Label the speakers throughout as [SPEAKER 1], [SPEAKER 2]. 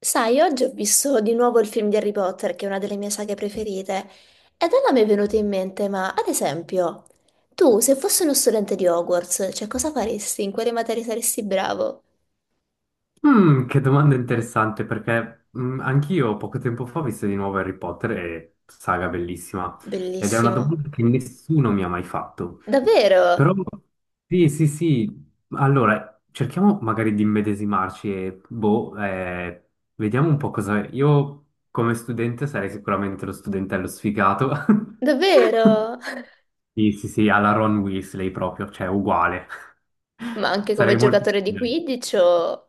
[SPEAKER 1] Sai, oggi ho visto di nuovo il film di Harry Potter, che è una delle mie saghe preferite, ed allora mi è venuto in mente, ma ad esempio, tu se fossi uno studente di Hogwarts, cioè cosa faresti? In quale materia saresti bravo?
[SPEAKER 2] Che domanda interessante perché anch'io poco tempo fa ho visto di nuovo Harry Potter e saga bellissima ed è una
[SPEAKER 1] Bellissimo.
[SPEAKER 2] domanda che nessuno mi ha mai fatto. Però
[SPEAKER 1] Davvero?
[SPEAKER 2] sì, sì, sì, allora cerchiamo magari di immedesimarci e boh, vediamo un po' cosa. Io come studente sarei sicuramente lo studentello sfigato.
[SPEAKER 1] Davvero?
[SPEAKER 2] Sì, sì, sì, alla Ron Weasley proprio, cioè uguale.
[SPEAKER 1] Ma anche come
[SPEAKER 2] Sarei molto.
[SPEAKER 1] giocatore di Quidditch o.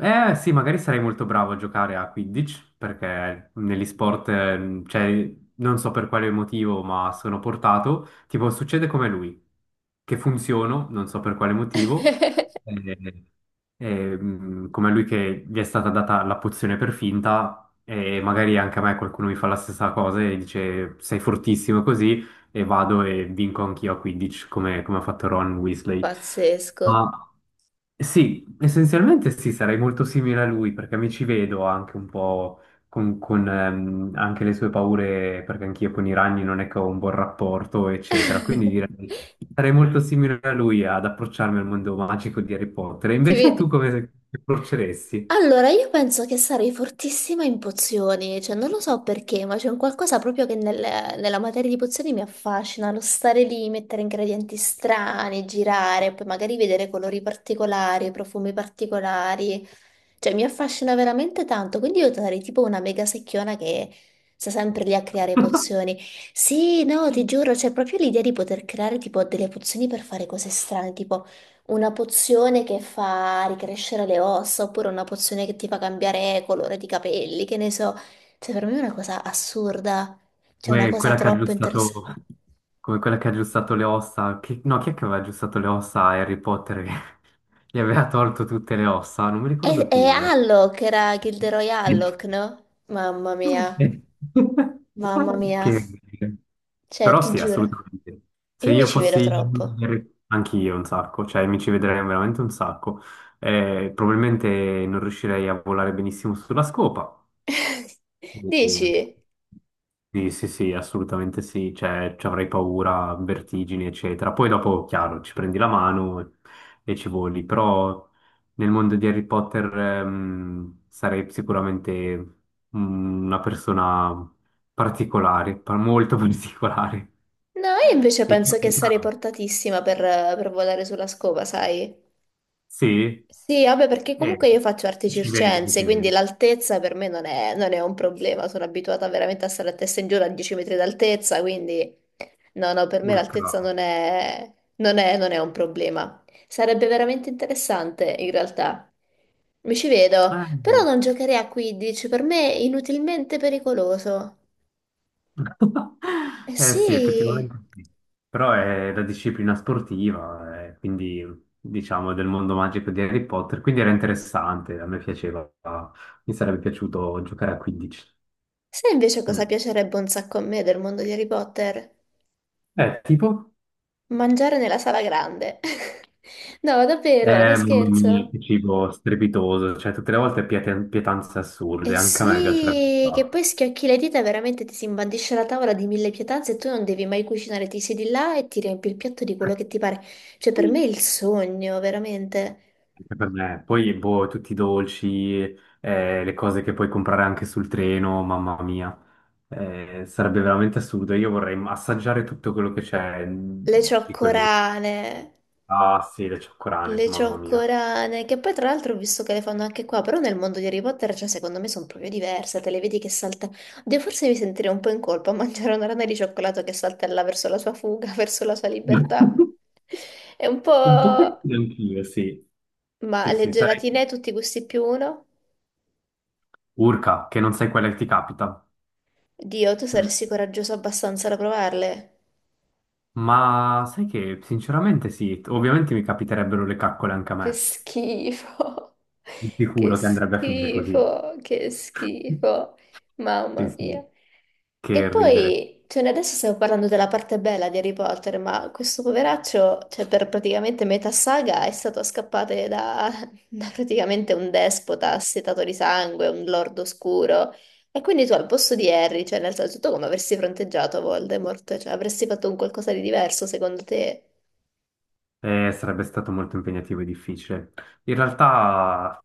[SPEAKER 2] Eh sì, magari sarei molto bravo a giocare a Quidditch, perché negli sport, cioè, non so per quale motivo, ma sono portato. Tipo, succede come lui, che funziono, non so per quale motivo, eh, come lui che gli è stata data la pozione per finta, e magari anche a me qualcuno mi fa la stessa cosa e dice sei fortissimo così, e vado e vinco anch'io a Quidditch, come ha fatto Ron Weasley.
[SPEAKER 1] Pazzesco.
[SPEAKER 2] Ma. Sì, essenzialmente sì, sarei molto simile a lui perché mi ci vedo anche un po' con anche le sue paure, perché anch'io con i ragni non è che ho un buon rapporto, eccetera. Quindi direi sarei molto simile a lui ad approcciarmi al mondo magico di Harry Potter. E
[SPEAKER 1] Ti
[SPEAKER 2] invece tu
[SPEAKER 1] vedi?
[SPEAKER 2] come ti approcceresti?
[SPEAKER 1] Allora, io penso che sarei fortissima in pozioni, cioè non lo so perché, ma c'è un qualcosa proprio che nella materia di pozioni mi affascina, lo stare lì, mettere ingredienti strani, girare, poi magari vedere colori particolari, profumi particolari, cioè mi affascina veramente tanto, quindi io sarei tipo una mega secchiona che sta sempre lì a creare pozioni. Sì, no, ti giuro, c'è proprio l'idea di poter creare tipo delle pozioni per fare cose strane, tipo. Una pozione che fa ricrescere le ossa, oppure una pozione che ti fa cambiare colore di capelli, che ne so. Cioè, per me è una cosa assurda, cioè una
[SPEAKER 2] Come
[SPEAKER 1] cosa
[SPEAKER 2] quella che ha
[SPEAKER 1] troppo interessante.
[SPEAKER 2] aggiustato, Come quella che ha aggiustato le ossa, no, chi è che aveva aggiustato le ossa a Harry Potter? Gli aveva tolto tutte le ossa, non mi
[SPEAKER 1] E,
[SPEAKER 2] ricordo
[SPEAKER 1] e
[SPEAKER 2] più adesso.
[SPEAKER 1] Alloc era Gilderoy Alloc, no? Mamma mia, mamma mia.
[SPEAKER 2] Che.
[SPEAKER 1] Cioè,
[SPEAKER 2] Però
[SPEAKER 1] ti
[SPEAKER 2] sì,
[SPEAKER 1] giuro,
[SPEAKER 2] assolutamente. Se
[SPEAKER 1] io mi
[SPEAKER 2] io
[SPEAKER 1] ci vedo
[SPEAKER 2] fossi
[SPEAKER 1] troppo.
[SPEAKER 2] anch'io un sacco, cioè mi ci vedrei veramente un sacco. Probabilmente non riuscirei a volare benissimo sulla scopa, e-
[SPEAKER 1] Dici?
[SPEAKER 2] Sì, sì, sì, assolutamente sì, cioè ci avrei paura, vertigini, eccetera. Poi dopo, chiaro, ci prendi la mano e ci voli, però nel mondo di Harry Potter sarei sicuramente una persona particolare, molto particolare.
[SPEAKER 1] No, io invece
[SPEAKER 2] E tu,
[SPEAKER 1] penso che sarei
[SPEAKER 2] ah,
[SPEAKER 1] portatissima per volare sulla scopa, sai?
[SPEAKER 2] sì,
[SPEAKER 1] Sì, vabbè, perché comunque
[SPEAKER 2] eh,
[SPEAKER 1] io faccio arti
[SPEAKER 2] ci vede,
[SPEAKER 1] circense,
[SPEAKER 2] ci
[SPEAKER 1] quindi
[SPEAKER 2] vede.
[SPEAKER 1] l'altezza per me non è un problema. Sono abituata veramente a stare a testa in giù a 10 metri d'altezza, quindi no, no, per me
[SPEAKER 2] Urca.
[SPEAKER 1] l'altezza non è un problema. Sarebbe veramente interessante, in realtà. Mi ci vedo, però
[SPEAKER 2] Eh,
[SPEAKER 1] non giocherei a 15, per me è inutilmente pericoloso. Eh
[SPEAKER 2] Eh sì,
[SPEAKER 1] sì,
[SPEAKER 2] effettivamente sì. Però è la disciplina sportiva, quindi diciamo del mondo magico di Harry Potter, quindi era interessante, a me piaceva, mi sarebbe piaciuto giocare a 15.
[SPEAKER 1] sai invece cosa piacerebbe un sacco a me del mondo di Harry Potter?
[SPEAKER 2] Tipo?
[SPEAKER 1] Mangiare nella sala grande. No, davvero, non
[SPEAKER 2] Mamma mia,
[SPEAKER 1] scherzo.
[SPEAKER 2] che cibo strepitoso, cioè tutte le volte pietanze
[SPEAKER 1] Eh
[SPEAKER 2] assurde, anche a me piacerebbe un
[SPEAKER 1] sì, che poi
[SPEAKER 2] sacco.
[SPEAKER 1] schiocchi le dita e veramente ti si imbandisce la tavola di mille pietanze e tu non devi mai cucinare, ti siedi là e ti riempi il piatto di quello che ti pare. Cioè, per me è il sogno, veramente.
[SPEAKER 2] Anche per me. Poi, boh, tutti i dolci, le cose che puoi comprare anche sul treno, mamma mia. Sarebbe veramente assurdo. Io vorrei assaggiare tutto quello che c'è
[SPEAKER 1] Le
[SPEAKER 2] di quel mondo.
[SPEAKER 1] cioccorane.
[SPEAKER 2] Ah, sì, le cioccolane,
[SPEAKER 1] Le
[SPEAKER 2] mamma mia.
[SPEAKER 1] cioccorane, che poi tra l'altro ho visto che le fanno anche qua, però nel mondo di Harry Potter, cioè secondo me sono proprio diverse, te le vedi che salta. Oddio, forse mi sentirei un po' in colpa a mangiare una rana di cioccolato che saltella verso la sua fuga, verso la sua libertà. È un
[SPEAKER 2] Un po'
[SPEAKER 1] po'.
[SPEAKER 2] anch'io, sì.
[SPEAKER 1] Ma
[SPEAKER 2] Sì,
[SPEAKER 1] le
[SPEAKER 2] sì, sarei
[SPEAKER 1] gelatine, tutti gusti più uno?
[SPEAKER 2] urca, che non sai quella che ti capita.
[SPEAKER 1] Dio, tu
[SPEAKER 2] Mm.
[SPEAKER 1] saresti coraggioso abbastanza da provarle?
[SPEAKER 2] Ma sai che, sinceramente, sì, ovviamente mi capiterebbero le caccole anche a
[SPEAKER 1] Che
[SPEAKER 2] me.
[SPEAKER 1] schifo,
[SPEAKER 2] Sicuro che andrebbe a finire così.
[SPEAKER 1] che schifo,
[SPEAKER 2] Sì,
[SPEAKER 1] mamma mia.
[SPEAKER 2] sì,
[SPEAKER 1] E
[SPEAKER 2] che ridere.
[SPEAKER 1] poi, cioè, noi adesso stiamo parlando della parte bella di Harry Potter, ma questo poveraccio, cioè, per praticamente metà saga è stato scappato da, da praticamente un despota assetato di sangue, un lord oscuro. E quindi tu al posto di Harry, cioè, nel senso, tu come avresti fronteggiato Voldemort? Cioè, avresti fatto un qualcosa di diverso, secondo te?
[SPEAKER 2] Sarebbe stato molto impegnativo e difficile. In realtà,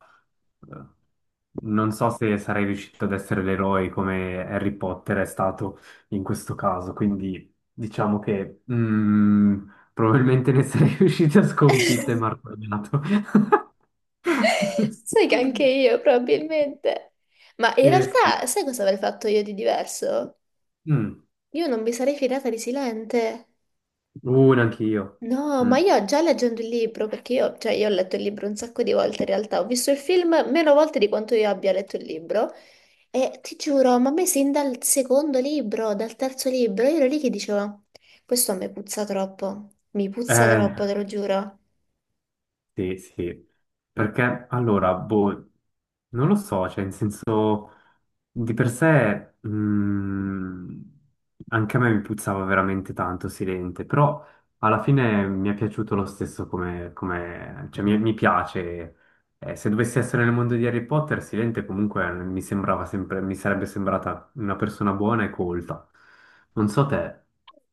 [SPEAKER 2] eh, non so se sarei riuscito ad essere l'eroe come Harry Potter è stato in questo caso, quindi diciamo che probabilmente ne sarei riuscito a sconfitto e martoriato.
[SPEAKER 1] Sai che anche io, probabilmente. Ma in realtà,
[SPEAKER 2] Sì.
[SPEAKER 1] sai cosa avrei fatto io di diverso?
[SPEAKER 2] Mm.
[SPEAKER 1] Io non mi sarei fidata di Silente.
[SPEAKER 2] Neanche io.
[SPEAKER 1] No, ma
[SPEAKER 2] Mm.
[SPEAKER 1] io già leggendo il libro, perché io, cioè, io ho letto il libro un sacco di volte in realtà, ho visto il film meno volte di quanto io abbia letto il libro, e ti giuro, ma a me sin dal secondo libro, dal terzo libro, io ero lì che dicevo, questo a me puzza troppo, mi puzza
[SPEAKER 2] Eh.
[SPEAKER 1] troppo, te lo giuro.
[SPEAKER 2] Sì, sì, perché allora, boh, non lo so, cioè, in senso, di per sé, anche a me mi puzzava veramente tanto Silente, però alla fine mi è piaciuto lo stesso cioè, mi piace. Se dovessi essere nel mondo di Harry Potter, Silente comunque mi sembrava sempre, mi sarebbe sembrata una persona buona e colta. Non so te,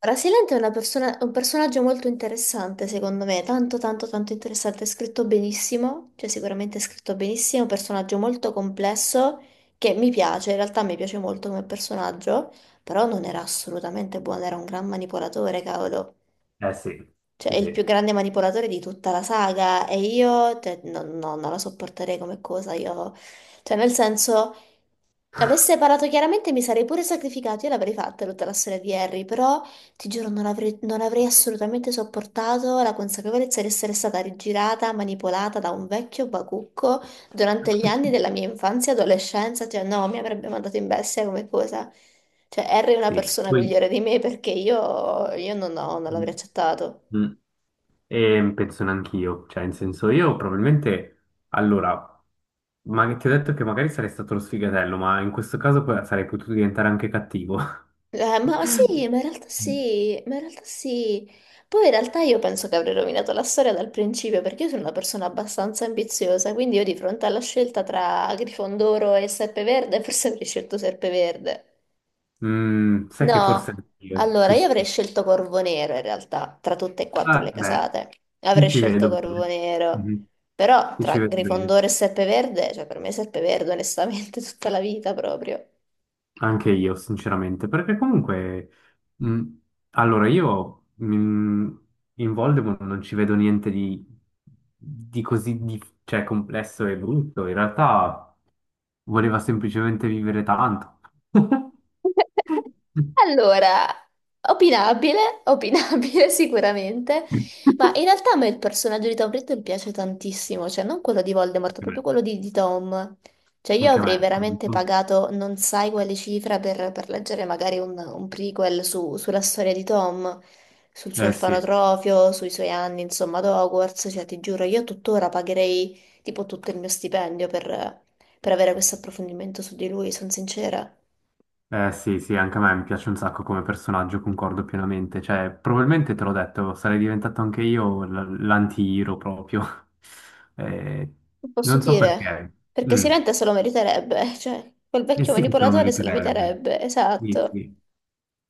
[SPEAKER 1] Ora, Silente è un personaggio molto interessante, secondo me, tanto tanto tanto interessante, è scritto benissimo, cioè sicuramente è scritto benissimo, è un personaggio molto complesso che mi piace, in realtà mi piace molto come personaggio, però non era assolutamente buono, era un gran manipolatore, cavolo.
[SPEAKER 2] eh sì,
[SPEAKER 1] Cioè, è
[SPEAKER 2] sì,
[SPEAKER 1] il più
[SPEAKER 2] sì,
[SPEAKER 1] grande manipolatore di tutta la saga e io, cioè, no, no, non la sopporterei come cosa, io. Cioè, nel senso. Avesse parlato chiaramente mi sarei pure sacrificato, io l'avrei fatta tutta la storia di Harry, però ti giuro non avrei assolutamente sopportato la consapevolezza di essere stata rigirata, manipolata da un vecchio bacucco durante gli anni della mia infanzia e adolescenza, cioè no, mi avrebbe mandato in bestia come cosa. Cioè Harry è una
[SPEAKER 2] sì,
[SPEAKER 1] persona
[SPEAKER 2] poi.
[SPEAKER 1] migliore di me perché io non l'avrei accettato.
[SPEAKER 2] Mm. E penso neanch'io, cioè, in senso, io probabilmente, allora, ma ti ho detto che magari sarei stato lo sfigatello, ma in questo caso poi sarei potuto diventare anche cattivo.
[SPEAKER 1] Ma sì, ma in realtà sì, ma in realtà sì. Poi in realtà io penso che avrei rovinato la storia dal principio perché io sono una persona abbastanza ambiziosa, quindi io di fronte alla scelta tra Grifondoro e Serpeverde forse avrei scelto Serpeverde.
[SPEAKER 2] Sai che forse
[SPEAKER 1] No,
[SPEAKER 2] io,
[SPEAKER 1] allora
[SPEAKER 2] sì,
[SPEAKER 1] io avrei
[SPEAKER 2] sì.
[SPEAKER 1] scelto Corvo Nero in realtà, tra tutte e quattro
[SPEAKER 2] Ah,
[SPEAKER 1] le
[SPEAKER 2] beh,
[SPEAKER 1] casate.
[SPEAKER 2] ti
[SPEAKER 1] Avrei
[SPEAKER 2] ci
[SPEAKER 1] scelto
[SPEAKER 2] vedo
[SPEAKER 1] Corvo
[SPEAKER 2] bene.
[SPEAKER 1] Nero,
[SPEAKER 2] Mhm.
[SPEAKER 1] però
[SPEAKER 2] Ti
[SPEAKER 1] tra
[SPEAKER 2] ci vedo bene.
[SPEAKER 1] Grifondoro e Serpeverde, cioè per me Serpeverde onestamente tutta la vita proprio.
[SPEAKER 2] Anche io, sinceramente, perché comunque, mh, allora io in Voldemort non ci vedo niente di così cioè, complesso e brutto. In realtà voleva semplicemente vivere tanto.
[SPEAKER 1] Allora, opinabile, opinabile sicuramente,
[SPEAKER 2] Mm.
[SPEAKER 1] ma in realtà a me il personaggio di Tom Riddle piace tantissimo, cioè non quello di Voldemort,
[SPEAKER 2] Anche me.
[SPEAKER 1] proprio quello di Tom. Cioè io
[SPEAKER 2] Anche
[SPEAKER 1] avrei
[SPEAKER 2] me.
[SPEAKER 1] veramente pagato non sai quale cifra per, leggere magari un prequel sulla storia di Tom, sul suo
[SPEAKER 2] Eh sì.
[SPEAKER 1] orfanotrofio, sui suoi anni, insomma, ad Hogwarts, cioè ti giuro, io tuttora pagherei tipo tutto il mio stipendio per avere questo approfondimento su di lui, sono sincera.
[SPEAKER 2] Eh sì, sì, anche a me mi piace un sacco come personaggio, concordo pienamente. Cioè, probabilmente te l'ho detto, sarei diventato anche io l'anti-hero proprio. Eh,
[SPEAKER 1] Che posso
[SPEAKER 2] Non so
[SPEAKER 1] dire,
[SPEAKER 2] perché.
[SPEAKER 1] perché
[SPEAKER 2] Mm.
[SPEAKER 1] Silente se lo meriterebbe, cioè quel
[SPEAKER 2] E
[SPEAKER 1] vecchio
[SPEAKER 2] sì che se lo
[SPEAKER 1] manipolatore se lo
[SPEAKER 2] meriterebbe.
[SPEAKER 1] meriterebbe,
[SPEAKER 2] Sì,
[SPEAKER 1] esatto.
[SPEAKER 2] sì,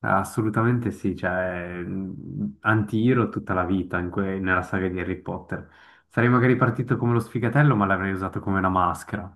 [SPEAKER 2] assolutamente sì. Cioè, anti-hero tutta la vita nella saga di Harry Potter. Sarei magari partito come lo sfigatello, ma l'avrei usato come una maschera.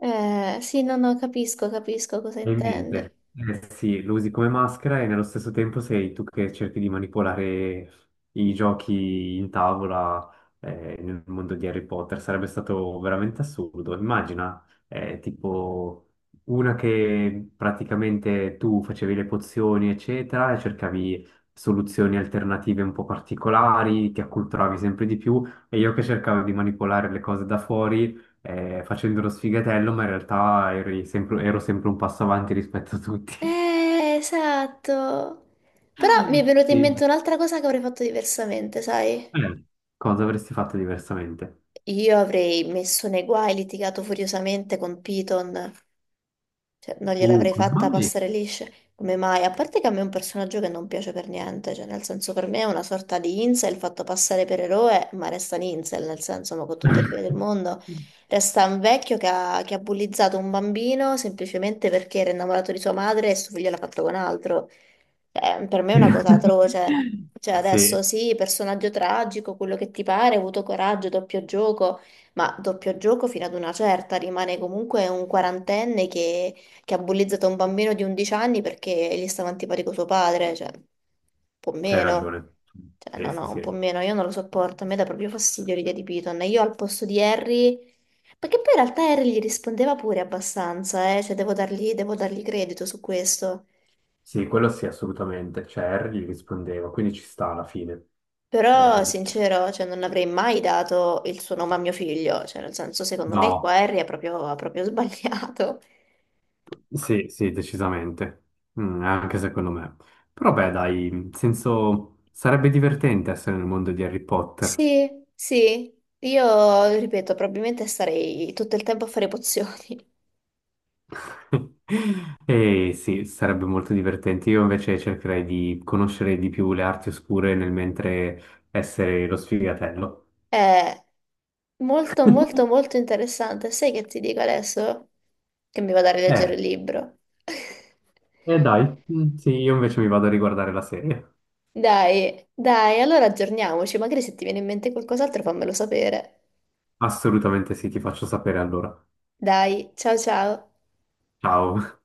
[SPEAKER 1] Sì, no, no, capisco cosa intendi.
[SPEAKER 2] Probabilmente. Eh sì, lo usi come maschera e nello stesso tempo sei tu che cerchi di manipolare i giochi in tavola nel mondo di Harry Potter. Sarebbe stato veramente assurdo. Immagina, tipo una che praticamente tu facevi le pozioni, eccetera, e cercavi soluzioni alternative un po' particolari, ti acculturavi sempre di più, e io che cercavo di manipolare le cose da fuori facendo lo sfigatello, ma in realtà ero sempre un passo avanti rispetto a tutti.
[SPEAKER 1] Esatto. Però mi è venuta in
[SPEAKER 2] Sì.
[SPEAKER 1] mente un'altra cosa che avrei fatto diversamente, sai?
[SPEAKER 2] Eh, Cosa avresti fatto diversamente?
[SPEAKER 1] Io avrei messo nei guai, litigato furiosamente con Piton. Cioè, non gliel'avrei
[SPEAKER 2] Come
[SPEAKER 1] fatta
[SPEAKER 2] mai?
[SPEAKER 1] passare liscia. Come mai? A parte che a me è un personaggio che non piace per niente, cioè nel senso per me è una sorta di incel fatto passare per eroe, ma resta un incel, nel senso, ma con tutte le bene del mondo, resta un vecchio che ha, bullizzato un bambino semplicemente perché era innamorato di sua madre e suo figlio l'ha fatto con altro. Per me è una cosa atroce. Cioè adesso
[SPEAKER 2] Sì,
[SPEAKER 1] sì, personaggio tragico, quello che ti pare, ha avuto coraggio, doppio gioco, ma doppio gioco fino ad una certa, rimane comunque un quarantenne che ha bullizzato un bambino di 11 anni perché gli stava antipatico suo padre, cioè, un po'
[SPEAKER 2] c'hai
[SPEAKER 1] meno.
[SPEAKER 2] ragione.
[SPEAKER 1] Cioè, no,
[SPEAKER 2] Sì, sì,
[SPEAKER 1] no, un po'
[SPEAKER 2] sì.
[SPEAKER 1] meno, io non lo sopporto, a me dà proprio fastidio l'idea di Piton. E io al posto di Harry, perché poi in realtà Harry gli rispondeva pure abbastanza, cioè devo dargli, credito su questo.
[SPEAKER 2] Sì, quello sì, assolutamente. Cioè, Harry gli rispondeva, quindi ci sta alla fine. Eh,
[SPEAKER 1] Però,
[SPEAKER 2] di-
[SPEAKER 1] sincero, cioè, non avrei mai dato il suo nome a mio figlio, cioè, nel senso, secondo me qua
[SPEAKER 2] no.
[SPEAKER 1] Harry ha proprio sbagliato.
[SPEAKER 2] Sì, sì, decisamente. Anche secondo me. Però beh, dai, in senso sarebbe divertente essere nel mondo di Harry Potter.
[SPEAKER 1] Sì, sì, io ripeto, probabilmente starei tutto il tempo a fare pozioni.
[SPEAKER 2] E sì, sarebbe molto divertente. Io invece cercherei di conoscere di più le arti oscure nel mentre essere lo sfigatello.
[SPEAKER 1] È molto, molto, molto interessante. Sai che ti dico adesso? Che mi vado a rileggere il
[SPEAKER 2] Eh,
[SPEAKER 1] libro.
[SPEAKER 2] eh dai, sì, io invece mi vado a riguardare la serie.
[SPEAKER 1] Dai, dai, allora aggiorniamoci. Magari se ti viene in mente qualcos'altro fammelo sapere.
[SPEAKER 2] Assolutamente sì, ti faccio sapere allora.
[SPEAKER 1] Dai, ciao ciao.
[SPEAKER 2] Ciao.